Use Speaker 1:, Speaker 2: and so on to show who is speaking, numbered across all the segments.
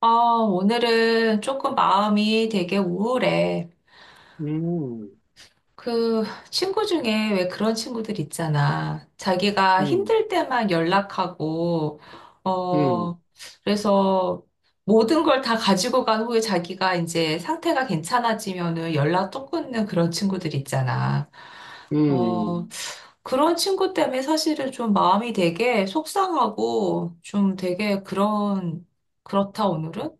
Speaker 1: 아, 오늘은 조금 마음이 되게 우울해.
Speaker 2: 음,
Speaker 1: 그 친구 중에 왜 그런 친구들 있잖아. 자기가
Speaker 2: 음,
Speaker 1: 힘들 때만 연락하고,
Speaker 2: 음,
Speaker 1: 어, 그래서 모든 걸 다 가지고 간 후에 자기가 이제 상태가 괜찮아지면은 연락 또 끊는 그런 친구들 있잖아. 어,
Speaker 2: 음,
Speaker 1: 그런 친구 때문에 사실은 좀 마음이 되게 속상하고 좀 되게 그런, 그렇다 오늘은?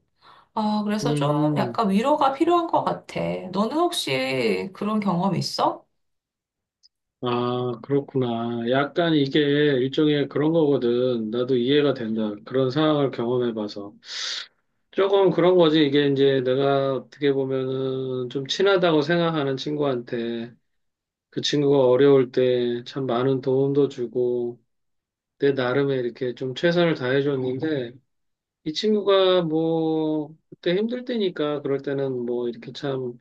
Speaker 1: 아, 그래서 좀
Speaker 2: 음.
Speaker 1: 약간 위로가 필요한 것 같아. 너는 혹시 그런 경험 있어?
Speaker 2: 아, 그렇구나. 약간 이게 일종의 그런 거거든. 나도 이해가 된다. 그런 상황을 경험해봐서. 조금 그런 거지. 이게 이제 내가 어떻게 보면은 좀 친하다고 생각하는 친구한테 그 친구가 어려울 때 참 많은 도움도 주고 내 나름의 이렇게 좀 최선을 다해줬는데 이 친구가 뭐 그때 힘들 때니까 그럴 때는 뭐 이렇게 참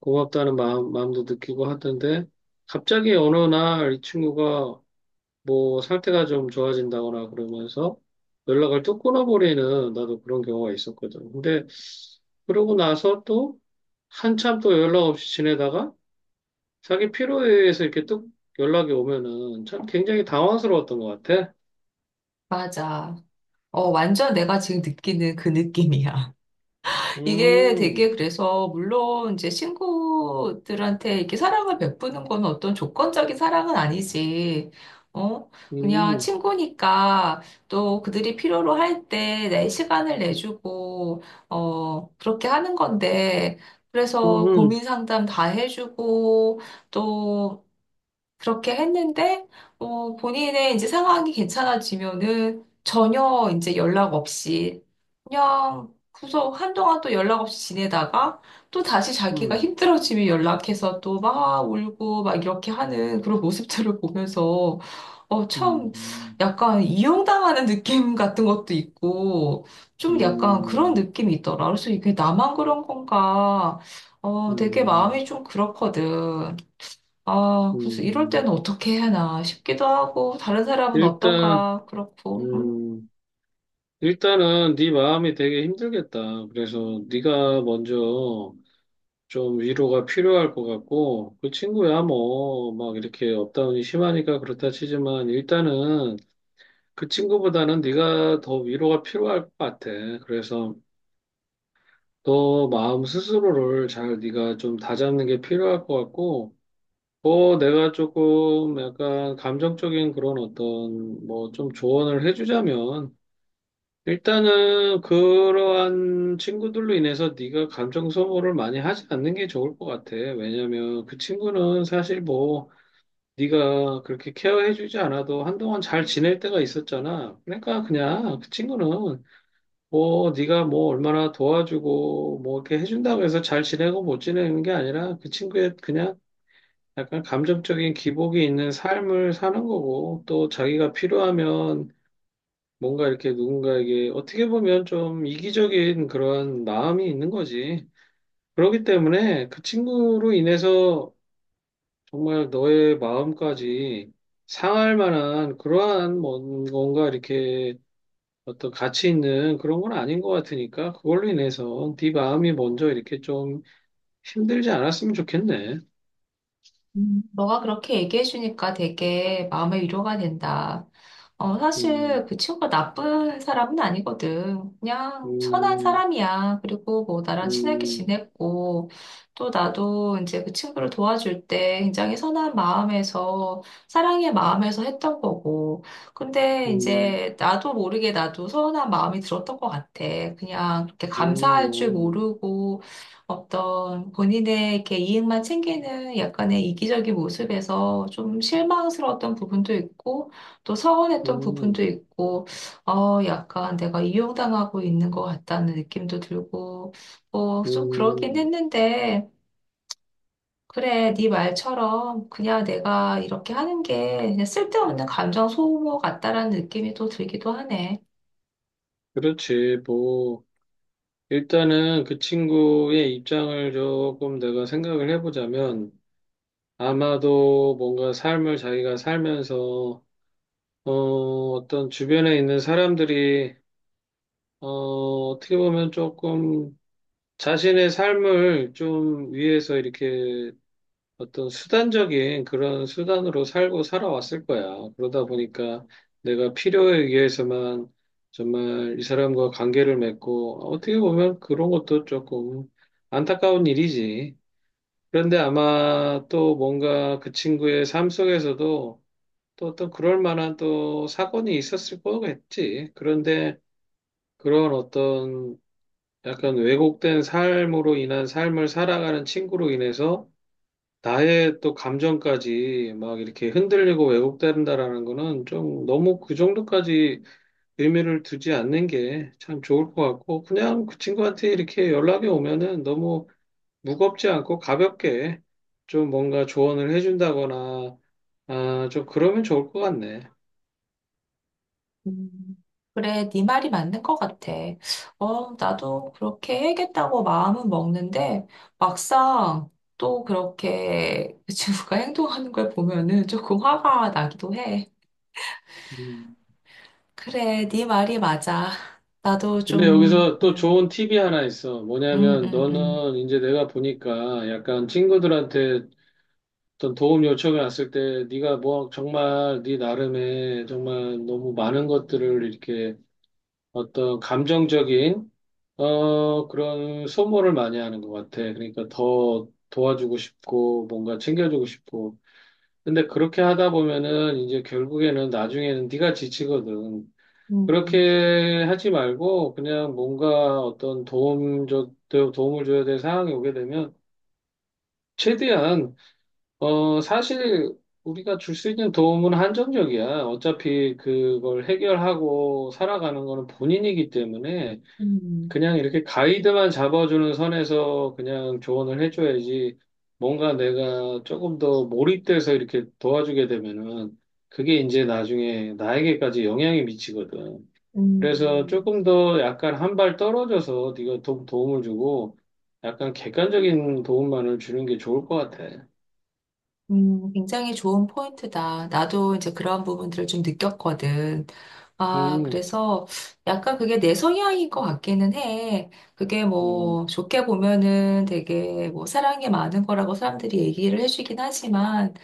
Speaker 2: 고맙다는 마음도 느끼고 하던데, 갑자기 어느 날 이 친구가 뭐 상태가 좀 좋아진다거나 그러면서 연락을 또 끊어버리는 나도 그런 경우가 있었거든. 근데 그러고 나서 또 한참 또 연락 없이 지내다가 자기 필요에 의해서 이렇게 또 연락이 오면은 참 굉장히 당황스러웠던 것 같아.
Speaker 1: 맞아. 어, 완전 내가 지금 느끼는 그 느낌이야. 이게 되게
Speaker 2: 음,
Speaker 1: 그래서, 물론 이제 친구들한테 이렇게 사랑을 베푸는 건 어떤 조건적인 사랑은 아니지. 어? 그냥
Speaker 2: 음,
Speaker 1: 친구니까 또 그들이 필요로 할 때 내 시간을 내주고, 그렇게 하는 건데, 그래서
Speaker 2: 음,
Speaker 1: 고민 상담 다 해주고, 또 그렇게 했는데, 본인의 이제 상황이 괜찮아지면은 전혀 이제 연락 없이 그냥 구속 한동안 또 연락 없이 지내다가 또 다시 자기가
Speaker 2: 음,
Speaker 1: 힘들어지면 연락해서 또 막 울고 막 이렇게 하는 그런 모습들을 보면서 어, 참
Speaker 2: 음,
Speaker 1: 약간 이용당하는 느낌 같은 것도 있고 좀 약간
Speaker 2: 음,
Speaker 1: 그런
Speaker 2: 음,
Speaker 1: 느낌이 있더라. 그래서 이게 나만 그런 건가? 되게
Speaker 2: 음.
Speaker 1: 마음이 좀 그렇거든. 아, 그래서 이럴 때는
Speaker 2: 음.
Speaker 1: 어떻게 해야 하나 싶기도 하고, 다른 사람은
Speaker 2: 일단,
Speaker 1: 어떤가, 그렇고. 음.
Speaker 2: 음, 일단은 네 마음이 되게 힘들겠다. 그래서 네가 먼저 좀 위로가 필요할 것 같고 그 친구야 뭐 막 이렇게 업다운이 심하니까 그렇다 치지만 일단은 그 친구보다는 네가 더 위로가 필요할 것 같아. 그래서 너 마음 스스로를 잘 네가 좀 다잡는 게 필요할 것 같고 뭐 내가 조금 약간 감정적인 그런 어떤 뭐 좀 조언을 해주자면 일단은 그러한 친구들로 인해서 네가 감정 소모를 많이 하지 않는 게 좋을 것 같아. 왜냐면 그 친구는 사실 뭐 네가 그렇게 케어해주지 않아도 한동안 잘 지낼 때가 있었잖아. 그러니까 그냥 그 친구는 뭐 네가 뭐 얼마나 도와주고 뭐 이렇게 해준다고 해서 잘 지내고 못 지내는 게 아니라 그 친구의 그냥 약간 감정적인 기복이 있는 삶을 사는 거고 또 자기가 필요하면 뭔가 이렇게 누군가에게 어떻게 보면 좀 이기적인 그런 마음이 있는 거지. 그렇기 때문에 그 친구로 인해서 정말 너의 마음까지 상할 만한 그러한 뭔가 이렇게 어떤 가치 있는 그런 건 아닌 것 같으니까 그걸로 인해서 네 마음이 먼저 이렇게 좀 힘들지 않았으면 좋겠네.
Speaker 1: 너가 그렇게 얘기해 주니까 되게 마음의 위로가 된다. 사실
Speaker 2: 음,
Speaker 1: 그 친구가 나쁜 사람은 아니거든. 그냥 선한
Speaker 2: 음,
Speaker 1: 사람이야. 그리고 뭐 나랑 친하게
Speaker 2: 음,
Speaker 1: 지냈고, 또 나도 이제 그 친구를 도와줄 때 굉장히 선한 마음에서, 사랑의 마음에서 했던 거고. 근데
Speaker 2: 음,
Speaker 1: 이제 나도 모르게 나도 서운한 마음이 들었던 것 같아. 그냥 그렇게 감사할 줄
Speaker 2: 음,
Speaker 1: 모르고, 어떤 본인의 이렇게 이익만 챙기는 약간의 이기적인 모습에서 좀 실망스러웠던 부분도 있고, 또
Speaker 2: 음,
Speaker 1: 서운했던 부분도
Speaker 2: 음.
Speaker 1: 있고, 약간 내가 이용당하고 있는 것 같다는 느낌도 들고, 어, 좀 그러긴
Speaker 2: 음.
Speaker 1: 했는데, 그래, 네 말처럼 그냥 내가 이렇게 하는 게 그냥 쓸데없는 감정 소모 같다라는 느낌이 또 들기도 하네.
Speaker 2: 그렇지, 뭐. 일단은 그 친구의 입장을 조금 내가 생각을 해보자면 아마도 뭔가 삶을 자기가 살면서 어, 어떤 주변에 있는 사람들이 어, 어떻게 보면 조금 자신의 삶을 좀 위해서 이렇게 어떤 수단적인 그런 수단으로 살고 살아왔을 거야. 그러다 보니까 내가 필요에 의해서만 정말 이 사람과 관계를 맺고 어떻게 보면 그런 것도 조금 안타까운 일이지. 그런데 아마 또 뭔가 그 친구의 삶 속에서도 또 어떤 그럴 만한 또 사건이 있었을 거겠지. 그런데 그런 어떤 약간 왜곡된 삶으로 인한 삶을 살아가는 친구로 인해서 나의 또 감정까지 막 이렇게 흔들리고 왜곡된다라는 거는 좀 너무 그 정도까지 의미를 두지 않는 게 참 좋을 것 같고 그냥 그 친구한테 이렇게 연락이 오면은 너무 무겁지 않고 가볍게 좀 뭔가 조언을 해준다거나 아, 좀 그러면 좋을 것 같네.
Speaker 1: 음, 그래, 네 말이 맞는 것 같아. 나도 그렇게 해야겠다고 마음은 먹는데, 막상 또 그렇게 그 친구가 행동하는 걸 보면은 조금 화가 나기도 해.
Speaker 2: 음.
Speaker 1: 그래, 네 말이 맞아. 나도
Speaker 2: 근데
Speaker 1: 좀,
Speaker 2: 여기서 또 좋은 팁이 하나 있어.
Speaker 1: 음,
Speaker 2: 뭐냐면
Speaker 1: 음, 음,
Speaker 2: 너는 이제 내가 보니까 약간 친구들한테 어떤 도움 요청이 왔을 때 네가 뭐 정말 네 나름의 정말 너무 많은 것들을 이렇게 어떤 감정적인 어 그런 소모를 많이 하는 것 같아. 그러니까 더 도와주고 싶고 뭔가 챙겨주고 싶고. 근데 그렇게 하다 보면은 이제 결국에는 나중에는 네가 지치거든.
Speaker 1: 음,
Speaker 2: 그렇게 하지 말고 그냥 뭔가 어떤 도움적 도움을 줘야 될 상황이 오게 되면 최대한 어, 사실 우리가 줄 수 있는 도움은 한정적이야. 어차피 그걸 해결하고 살아가는 거는 본인이기 때문에
Speaker 1: 음,
Speaker 2: 그냥 이렇게 가이드만 잡아주는 선에서 그냥 조언을 해줘야지 뭔가 내가 조금 더 몰입돼서 이렇게 도와주게 되면은 그게 이제 나중에 나에게까지 영향이 미치거든. 그래서
Speaker 1: 음,
Speaker 2: 조금 더 약간 한 발 떨어져서 네가 도움을 주고 약간 객관적인 도움만을 주는 게 좋을 것 같아.
Speaker 1: 굉장히 좋은 포인트다. 나도 이제 그런 부분들을 좀 느꼈거든. 아,
Speaker 2: 음.
Speaker 1: 그래서 약간 그게 내 성향인 것 같기는 해. 그게
Speaker 2: 음.
Speaker 1: 뭐 좋게 보면은 되게 뭐 사랑이 많은 거라고 사람들이 얘기를 해주긴 하지만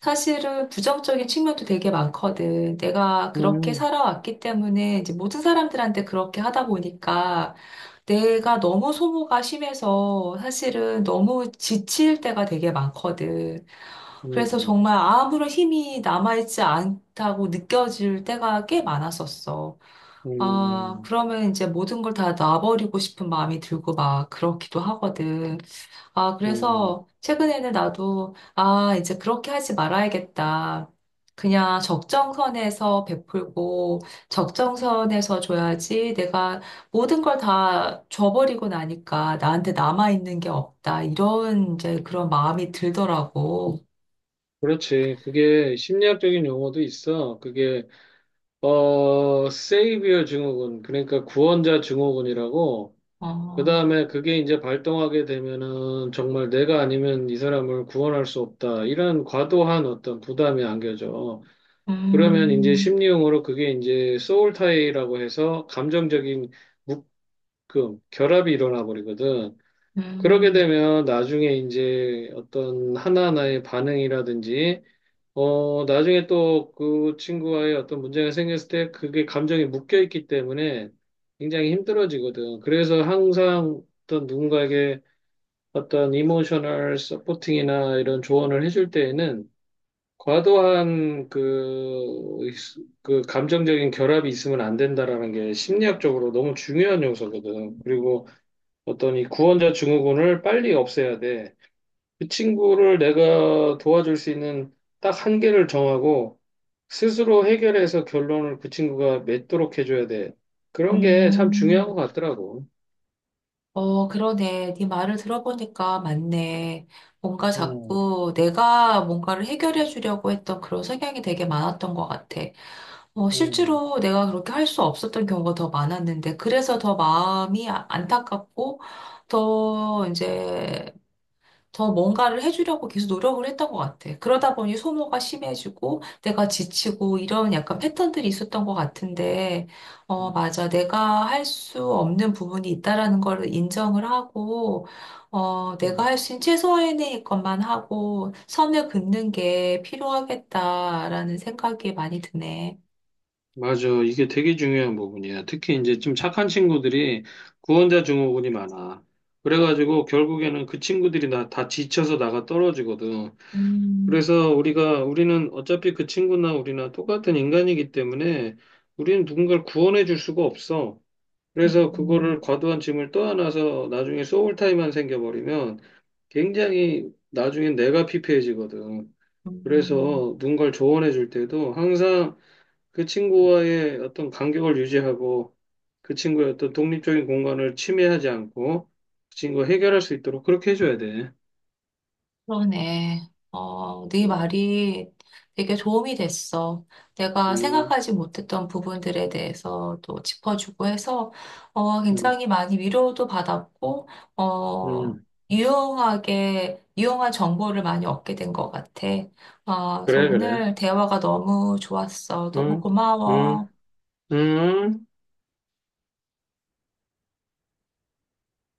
Speaker 1: 사실은 부정적인 측면도 되게 많거든. 내가 그렇게
Speaker 2: 음,
Speaker 1: 살아왔기 때문에 이제 모든 사람들한테 그렇게 하다 보니까 내가 너무 소모가 심해서 사실은 너무 지칠 때가 되게 많거든. 그래서
Speaker 2: 음,
Speaker 1: 정말 아무런 힘이 남아있지 않다고 느껴질 때가 꽤 많았었어. 아,
Speaker 2: 음,
Speaker 1: 그러면 이제 모든 걸 다 놔버리고 싶은 마음이 들고 막 그렇기도 하거든. 아,
Speaker 2: 음.
Speaker 1: 그래서 최근에는 나도, 아, 이제 그렇게 하지 말아야겠다. 그냥 적정선에서 베풀고 적정선에서 줘야지 내가 모든 걸 다 줘버리고 나니까 나한테 남아있는 게 없다. 이런 이제 그런 마음이 들더라고.
Speaker 2: 그렇지. 그게 심리학적인 용어도 있어. 그게, 어, 세이비어 증후군, 그러니까 구원자 증후군이라고, 그
Speaker 1: 어.
Speaker 2: 다음에 그게 이제 발동하게 되면은 정말 내가 아니면 이 사람을 구원할 수 없다. 이런 과도한 어떤 부담이 안겨져. 그러면 이제
Speaker 1: 음,
Speaker 2: 심리용어로 그게 이제 소울타이라고 해서 감정적인 묶음, 결합이 일어나 버리거든. 그러게
Speaker 1: 음,
Speaker 2: 되면 나중에 이제 어떤 하나하나의 반응이라든지, 어, 나중에 또 그 친구와의 어떤 문제가 생겼을 때 그게 감정이 묶여 있기 때문에 굉장히 힘들어지거든. 그래서 항상 어떤 누군가에게 어떤 이모셔널 서포팅이나 이런 조언을 해줄 때에는 과도한 그 감정적인 결합이 있으면 안 된다라는 게 심리학적으로 너무 중요한 요소거든. 그리고 어떤 이 구원자 증후군을 빨리 없애야 돼. 그 친구를 내가 도와줄 수 있는 딱 한계를 정하고 스스로 해결해서 결론을 그 친구가 맺도록 해줘야 돼. 그런 게 참
Speaker 1: 음.
Speaker 2: 중요한 것 같더라고.
Speaker 1: 어, 그러네. 네 말을 들어보니까 맞네. 뭔가
Speaker 2: 음,
Speaker 1: 자꾸 내가 뭔가를 해결해 주려고 했던 그런 성향이 되게 많았던 것 같아. 어,
Speaker 2: 음,
Speaker 1: 실제로 내가 그렇게 할 수 없었던 경우가 더 많았는데, 그래서 더 마음이 안타깝고, 더 이제 더 뭔가를 해주려고 계속 노력을 했던 것 같아. 그러다 보니 소모가 심해지고 내가 지치고 이런 약간 패턴들이 있었던 것 같은데, 어,
Speaker 2: 음,
Speaker 1: 맞아. 내가 할 수 없는 부분이 있다라는 걸 인정을 하고, 내가
Speaker 2: 음.
Speaker 1: 할 수 있는 최소한의 것만 하고 선을 긋는 게 필요하겠다라는 생각이 많이 드네.
Speaker 2: 맞아. 이게 되게 중요한 부분이야. 특히 이제 좀 착한 친구들이 구원자 증후군이 많아. 그래가지고 결국에는 그 친구들이 나 다 지쳐서 나가 떨어지거든.
Speaker 1: 음,
Speaker 2: 그래서 우리가 우리는 어차피 그 친구나 우리나 똑같은 인간이기 때문에 우리는 누군가를 구원해 줄 수가 없어. 그래서
Speaker 1: 음,
Speaker 2: 그거를 과도한 짐을 떠안아서 나중에 소울타이만 생겨버리면 굉장히 나중엔 내가 피폐해지거든.
Speaker 1: 음.
Speaker 2: 그래서 누군가를 조언해 줄 때도 항상 그 친구와의 어떤 간격을 유지하고 그 친구의 어떤 독립적인 공간을 침해하지 않고 그 친구가 해결할 수 있도록 그렇게 해줘야 돼.
Speaker 1: 그러네. 어, 네 말이 되게 도움이 됐어. 내가
Speaker 2: 음,
Speaker 1: 생각하지 못했던 부분들에 대해서 또 짚어주고 해서 어,
Speaker 2: 음,
Speaker 1: 굉장히 많이 위로도 받았고 어,
Speaker 2: 음.
Speaker 1: 유용하게 유용한 정보를 많이 얻게 된 것 같아. 어, 그래서
Speaker 2: 그래, 그래.
Speaker 1: 오늘 대화가 너무 좋았어. 너무
Speaker 2: 응, 응,
Speaker 1: 고마워.
Speaker 2: 응.